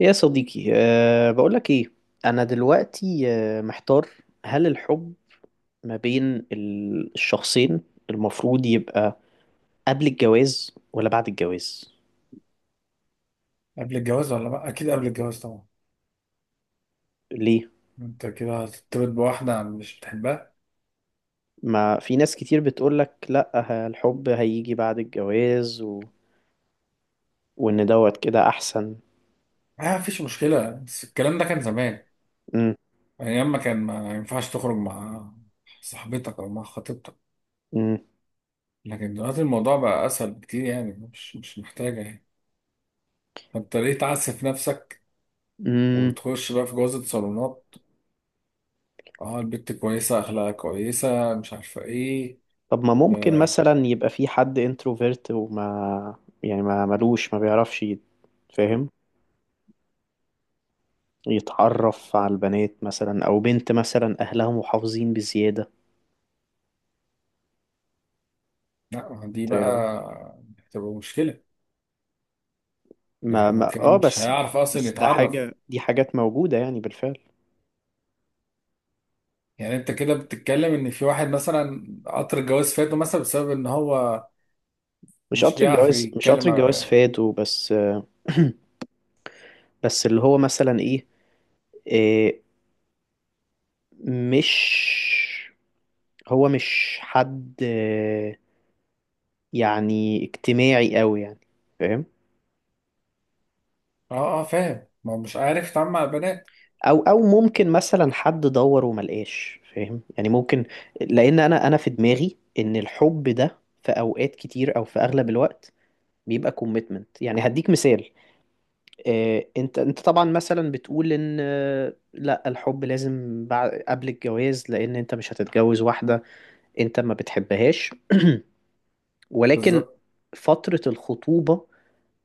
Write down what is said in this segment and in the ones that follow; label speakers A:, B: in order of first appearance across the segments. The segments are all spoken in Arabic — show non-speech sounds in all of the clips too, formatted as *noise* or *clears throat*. A: يا صديقي، بقولك ايه؟ انا دلوقتي محتار. هل الحب ما بين الشخصين المفروض يبقى قبل الجواز ولا بعد الجواز؟
B: قبل الجواز، ولا لا، اكيد قبل الجواز طبعا.
A: ليه؟
B: انت كده هترتبط بواحده مش بتحبها.
A: ما في ناس كتير بتقولك لا، الحب هيجي بعد الجواز، و... وان دوت كده احسن.
B: ما فيش مشكله، بس الكلام ده كان زمان.
A: مم.
B: ايام ما كان ما ينفعش تخرج مع صاحبتك او مع خطيبتك.
A: مم.
B: لكن دلوقتي الموضوع بقى اسهل بكتير، يعني مش محتاجه يعني. فانت ليه تعسف نفسك
A: مم.
B: وتخش بقى في جوازة صالونات؟ اه، البت كويسة، اخلاقها كويسة، مش عارفة ايه.
A: طب ما ممكن
B: آه،
A: مثلا يبقى في حد انتروفيرت، وما يعني ما ملوش، ما بيعرفش فاهم؟ يتعرف على البنات مثلا، او بنت مثلا اهلها محافظين بزيادة.
B: لا، دي
A: انت ايه
B: بقى
A: رأيك؟
B: هتبقى مشكلة.
A: ما
B: يعني هو
A: ما
B: كده
A: اه
B: مش
A: بس.
B: هيعرف اصلا
A: بس ده
B: يتعرف.
A: حاجة، دي حاجات موجودة يعني بالفعل.
B: يعني انت كده بتتكلم ان في واحد مثلا قطر الجواز فاته مثلا بسبب ان هو
A: مش
B: مش
A: قطر
B: بيعرف
A: الجواز مش
B: يتكلم
A: قطر
B: مع
A: الجواز
B: بنات.
A: فات وبس. *clears throat* بس اللي هو مثلا ايه، إيه، مش، هو مش حد، يعني اجتماعي قوي يعني. فاهم؟
B: اه، اه، فاهم، ما هو مش عارف يتعامل مع البنات.
A: او ممكن مثلا حد دور وما لقاش، فاهم؟ يعني ممكن، لان انا في دماغي ان الحب ده في اوقات كتير او في اغلب الوقت بيبقى كوميتمنت. يعني هديك مثال. انت طبعا مثلا بتقول ان لا، الحب لازم بعد قبل الجواز، لان انت مش هتتجوز واحدة انت ما بتحبهاش. ولكن
B: بالظبط.
A: فترة الخطوبة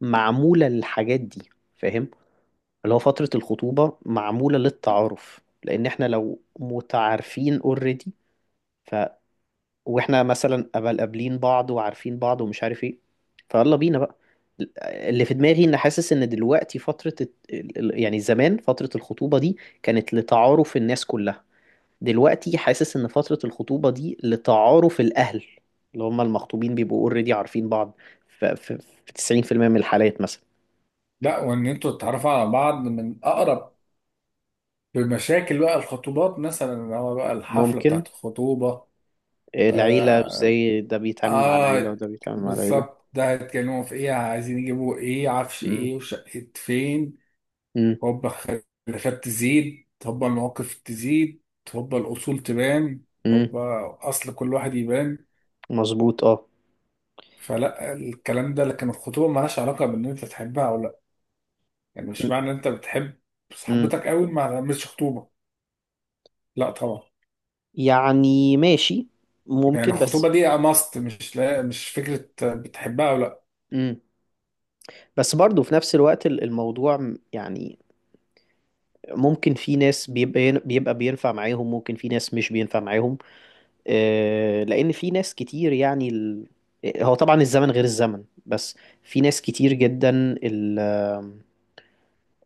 A: معمولة للحاجات دي، فاهم؟ اللي هو فترة الخطوبة معمولة للتعارف، لأن احنا لو متعارفين اوريدي، ف واحنا مثلا قبل قابلين بعض وعارفين بعض ومش عارف ايه، فيلا بينا بقى. اللي في دماغي، ان حاسس ان دلوقتي فترة يعني زمان فترة الخطوبة دي كانت لتعارف الناس كلها. دلوقتي حاسس ان فترة الخطوبة دي لتعارف الأهل، اللي هم المخطوبين بيبقوا اوريدي عارفين بعض. ف- ف- في 90% من الحالات مثلا.
B: لا، وان انتوا تتعرفوا على بعض من اقرب بمشاكل بقى الخطوبات، مثلا اللي هو بقى الحفلة
A: ممكن.
B: بتاعت الخطوبة.
A: إيه العيلة؟
B: آه،
A: ازاي ده بيتعامل مع العيلة
B: آه،
A: وده بيتعامل مع العيلة.
B: بالظبط، ده هيتكلموا في إيه، عايزين يجيبوا إيه، عفش
A: مم.
B: إيه، وشقة فين.
A: مم.
B: هوبا الخلافات تزيد، هوبا المواقف تزيد، هوبا الأصول تبان،
A: مم.
B: هوبا أصل كل واحد يبان.
A: مظبوط، اه.
B: فلا الكلام ده، لكن الخطوبة مالهاش علاقة بإن أنت تحبها أو لأ. يعني
A: مم.
B: مش معنى إن أنت بتحب
A: مم.
B: صاحبتك قوي ما تعملش خطوبة. لأ طبعا.
A: يعني ماشي،
B: يعني
A: ممكن.
B: الخطوبة
A: بس.
B: دي ماست، مش، لا، مش فكرة بتحبها أو لأ.
A: مم. بس برضه في نفس الوقت الموضوع يعني ممكن في ناس بيبقى بينفع معاهم، ممكن في ناس مش بينفع معاهم. لأن في ناس كتير يعني هو طبعا الزمن غير الزمن، بس في ناس كتير جدا، ال...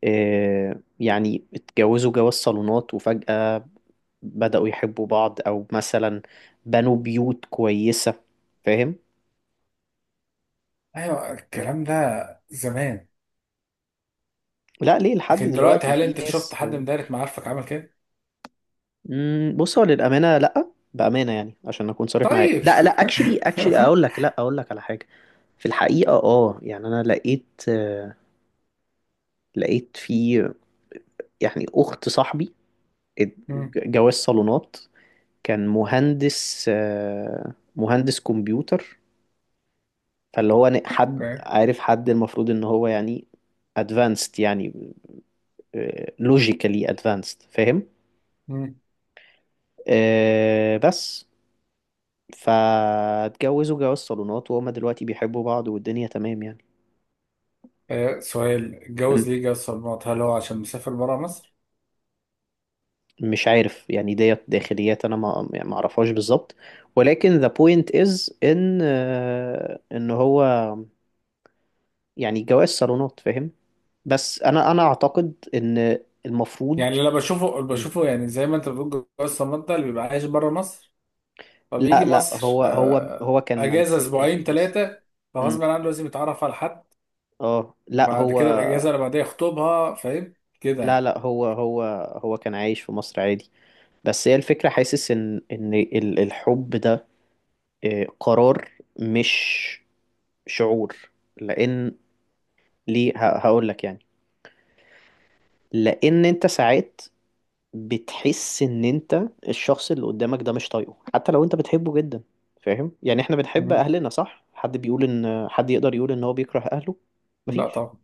A: يعني اتجوزوا جواز صالونات وفجأة بدأوا يحبوا بعض، أو مثلا بنوا بيوت كويسة. فاهم؟
B: أيوة، الكلام ده زمان.
A: لا، ليه؟ لحد
B: لكن دلوقتي
A: دلوقتي
B: هل
A: في
B: انت شفت
A: ناس.
B: حد من دايرة معارفك عمل كده؟
A: مم، بص، هو للأمانة لأ، بأمانة يعني عشان أكون صريح معاك،
B: طيب.
A: لا لا، اكشلي
B: *laughs*
A: أقول لك على حاجة. في الحقيقة يعني أنا لقيت، لقيت في يعني أخت صاحبي ات-
B: مم.
A: جواز صالونات. كان مهندس، مهندس كمبيوتر. فاللي هو حد
B: اوكي.
A: عارف حد، المفروض ان هو يعني ادفانسد يعني، لوجيكالي ادفانسد، فاهم؟
B: مم.
A: بس فاتجوزوا جواز صالونات، وهما دلوقتي بيحبوا بعض والدنيا تمام يعني.
B: آه، سؤال،
A: مم.
B: اتجوز ليه جواز صالونات؟ هل هو عشان مسافر بره مصر؟
A: مش عارف يعني، ديت داخليات انا، ما يعني، ما اعرفهاش بالظبط. ولكن the point is ان، هو يعني جواز صالونات، فاهم؟ بس انا اعتقد ان المفروض.
B: يعني اللي بشوفه
A: مم.
B: بشوفه، يعني زي ما انت بتقول جواز صالونات ده اللي بيبقى عايش بره مصر.
A: لا
B: فبيجي
A: لا،
B: مصر
A: هو هو هو كان
B: اجازة
A: ساكن
B: اسبوعين
A: في مصر.
B: ثلاثة. فغصب
A: مم.
B: عنه لازم يتعرف على حد.
A: اه، لا،
B: بعد
A: هو.
B: كده الاجازة اللي بعدها يخطبها، فاهم؟ كده
A: لا
B: يعني.
A: لا، هو كان عايش في مصر عادي. بس هي الفكرة، حاسس ان الحب ده قرار، مش شعور. لان ليه؟ هقول لك يعني. لان انت ساعات بتحس ان انت، الشخص اللي قدامك ده مش طايقه، حتى لو انت بتحبه جدا. فاهم؟ يعني احنا بنحب
B: مم.
A: اهلنا صح؟ حد بيقول ان حد يقدر يقول ان هو بيكره اهله؟
B: لا
A: مفيش.
B: طبعا.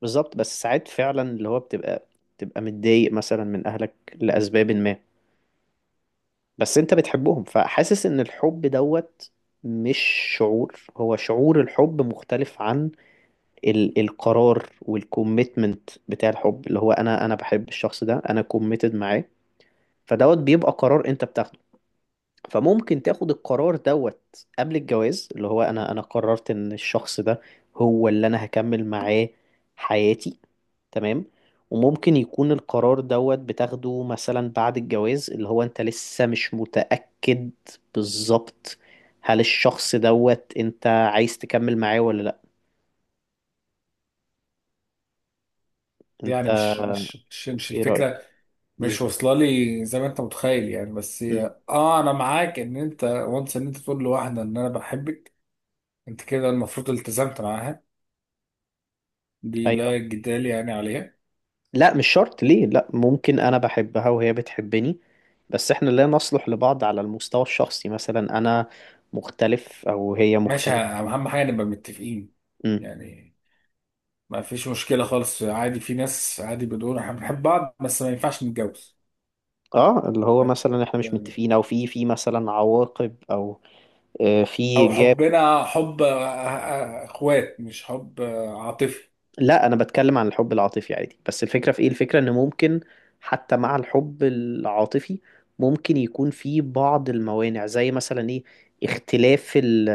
A: بالظبط. بس ساعات فعلا اللي هو بتبقى متضايق مثلا من اهلك لاسباب ما، بس انت بتحبهم، فحاسس ان الحب دوت مش شعور. هو شعور الحب مختلف عن القرار والكوميتمنت بتاع الحب، اللي هو انا بحب الشخص ده، انا كوميتد معاه. فدوت بيبقى قرار انت بتاخده. فممكن تاخد القرار دوت قبل الجواز، اللي هو انا قررت ان الشخص ده هو اللي انا هكمل معاه حياتي. تمام. وممكن يكون القرار دوت بتاخده مثلا بعد الجواز، اللي هو انت لسه مش متأكد. بالظبط. هل الشخص دوت انت عايز تكمل معاه ولا لا؟ انت
B: يعني مش
A: ايه رأيك؟
B: الفكرة،
A: امم
B: مش واصله لي زي ما انت متخيل يعني. بس
A: امم
B: هي انا معاك ان انت وانس ان انت تقول لواحده ان انا بحبك. انت كده المفروض التزمت معاها، دي
A: ايوه.
B: لا جدال يعني عليها.
A: لا، مش شرط. ليه؟ لا، ممكن انا بحبها وهي بتحبني، بس احنا لا نصلح لبعض على المستوى الشخصي. مثلا انا مختلف، او هي
B: ماشي،
A: مختلفة.
B: اهم حاجه نبقى متفقين
A: امم
B: يعني. ما فيش مشكله خالص، عادي في ناس عادي بتقول احنا بنحب بعض بس ما ينفعش نتجوز،
A: اه، اللي هو
B: فاهم؟
A: مثلا احنا مش
B: يعني،
A: متفقين، او في مثلا عواقب، او في
B: او
A: جاب.
B: حبنا حب اخوات، مش حب عاطفي.
A: لا، انا بتكلم عن الحب العاطفي عادي، بس الفكرة في ايه؟ الفكرة ان ممكن حتى مع الحب العاطفي، ممكن يكون في بعض الموانع زي مثلا ايه؟ اختلاف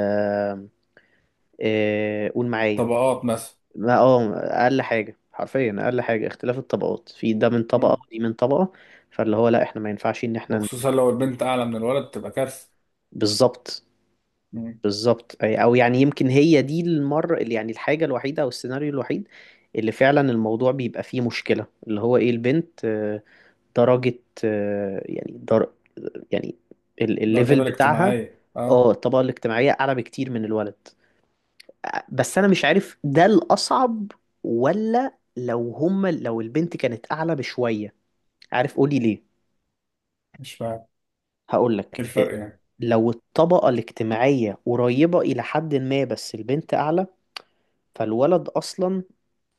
A: قول معايا.
B: طبقات مثلا.
A: اقل حاجة حرفيا، اقل حاجة اختلاف الطبقات، في ده من طبقة
B: مم.
A: ودي من طبقة، فاللي هو لا، احنا ما ينفعش ان
B: وخصوصا لو البنت اعلى من الولد تبقى كارثه.
A: بالظبط. بالظبط او يعني، يمكن هي دي المرة يعني الحاجة الوحيدة او السيناريو الوحيد اللي فعلا الموضوع بيبقى فيه مشكلة، اللي هو ايه؟ البنت درجة، يعني يعني
B: الدرجات
A: الليفل بتاعها،
B: الاجتماعية،
A: اه
B: اه.
A: الطبقة الاجتماعية أعلى بكتير من الولد. بس أنا مش عارف ده الأصعب ولا لو هما لو البنت كانت أعلى بشوية. عارف؟ قولي ليه.
B: مش فاهم،
A: هقولك
B: ايه
A: إيه،
B: الفرق يعني؟
A: لو الطبقة الاجتماعية قريبة إلى حد ما، بس البنت أعلى، فالولد أصلا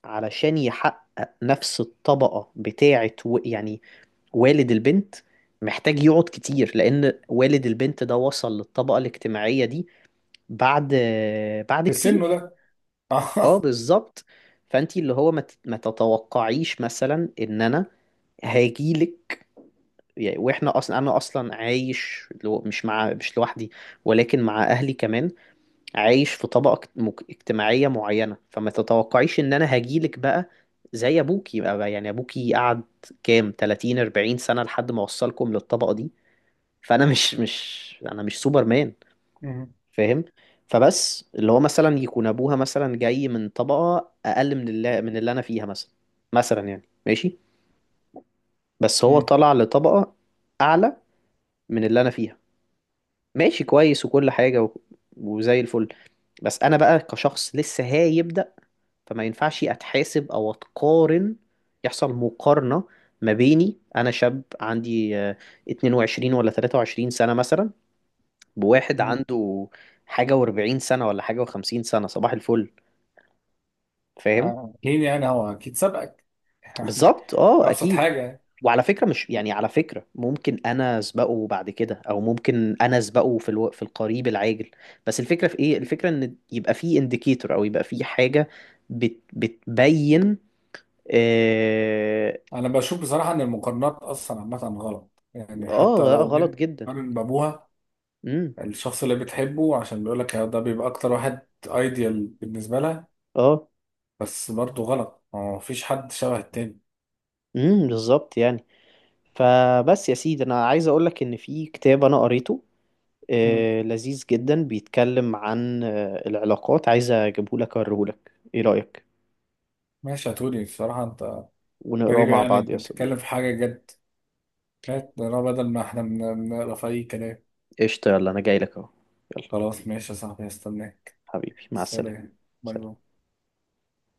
A: علشان يحقق نفس الطبقة بتاعة يعني والد البنت، محتاج يقعد كتير، لأن والد البنت ده وصل للطبقة الاجتماعية دي بعد بعد
B: في سنه
A: كتير.
B: ده. *laughs*
A: اه
B: اه.
A: بالظبط. فأنتي اللي هو ما تتوقعيش مثلا إن أنا هاجيلك، يعني واحنا اصلا، انا اصلا عايش لو مش مع مش لوحدي، ولكن مع اهلي كمان. عايش في طبقه اجتماعيه معينه، فما تتوقعيش ان انا هاجيلك بقى زي ابوكي بقى، يعني ابوكي قعد كام 30، 40 سنه لحد ما وصلكم للطبقه دي. فانا مش مش انا مش سوبر مان.
B: مم.
A: فاهم؟ فبس اللي هو مثلا يكون ابوها مثلا جاي من طبقه اقل من اللي انا فيها، مثلا مثلا يعني ماشي، بس هو
B: مم.
A: طلع لطبقه اعلى من اللي انا فيها، ماشي كويس وكل حاجه، وزي الفل. بس انا بقى كشخص لسه هيبدأ، فما ينفعش اتحاسب او اتقارن، يحصل مقارنه ما بيني انا شاب عندي 22 ولا 23 سنه مثلا، بواحد
B: مم.
A: عنده حاجة واربعين سنة ولا حاجة وخمسين سنة. صباح الفل. فاهم؟
B: اكيد، يعني هو اكيد سبقك، يعني
A: بالظبط، اه
B: ابسط
A: اكيد.
B: حاجة يعني.
A: وعلى فكرة، مش يعني على فكرة ممكن انا اسبقه بعد كده، او ممكن انا اسبقه في في القريب العاجل. بس الفكرة في ايه؟ الفكرة ان يبقى في انديكيتور، او يبقى في حاجة بتبين. اه.
B: انا بشوف بصراحة ان المقارنات اصلا عامة غلط، يعني حتى لو
A: غلط
B: البنت
A: جدا.
B: قارن بابوها
A: امم
B: الشخص اللي بتحبه عشان بيقول لك ده بيبقى اكتر واحد ايديال بالنسبة لها،
A: اه.
B: بس برضه غلط، ما فيش حد شبه التاني.
A: بالظبط يعني. فبس يا سيدي، انا عايز اقول لك ان في كتاب انا قريته،
B: مم.
A: لذيذ جدا، بيتكلم عن العلاقات. عايز اجيبهولك اوريهولك، ايه رأيك؟
B: ماشي يا توني، بصراحة انت
A: ونقراه
B: غريب،
A: مع
B: يعني
A: بعض يا
B: بتتكلم
A: صديقي.
B: في حاجة جد مات انا بدل ما احنا بنقرا في اي كلام.
A: قشطة، يلا انا جاي لك اهو. يلا.
B: خلاص ماشي يا صاحبي، هستناك.
A: حبيبي، مع السلامة.
B: سلام. باي
A: سلام.
B: باي.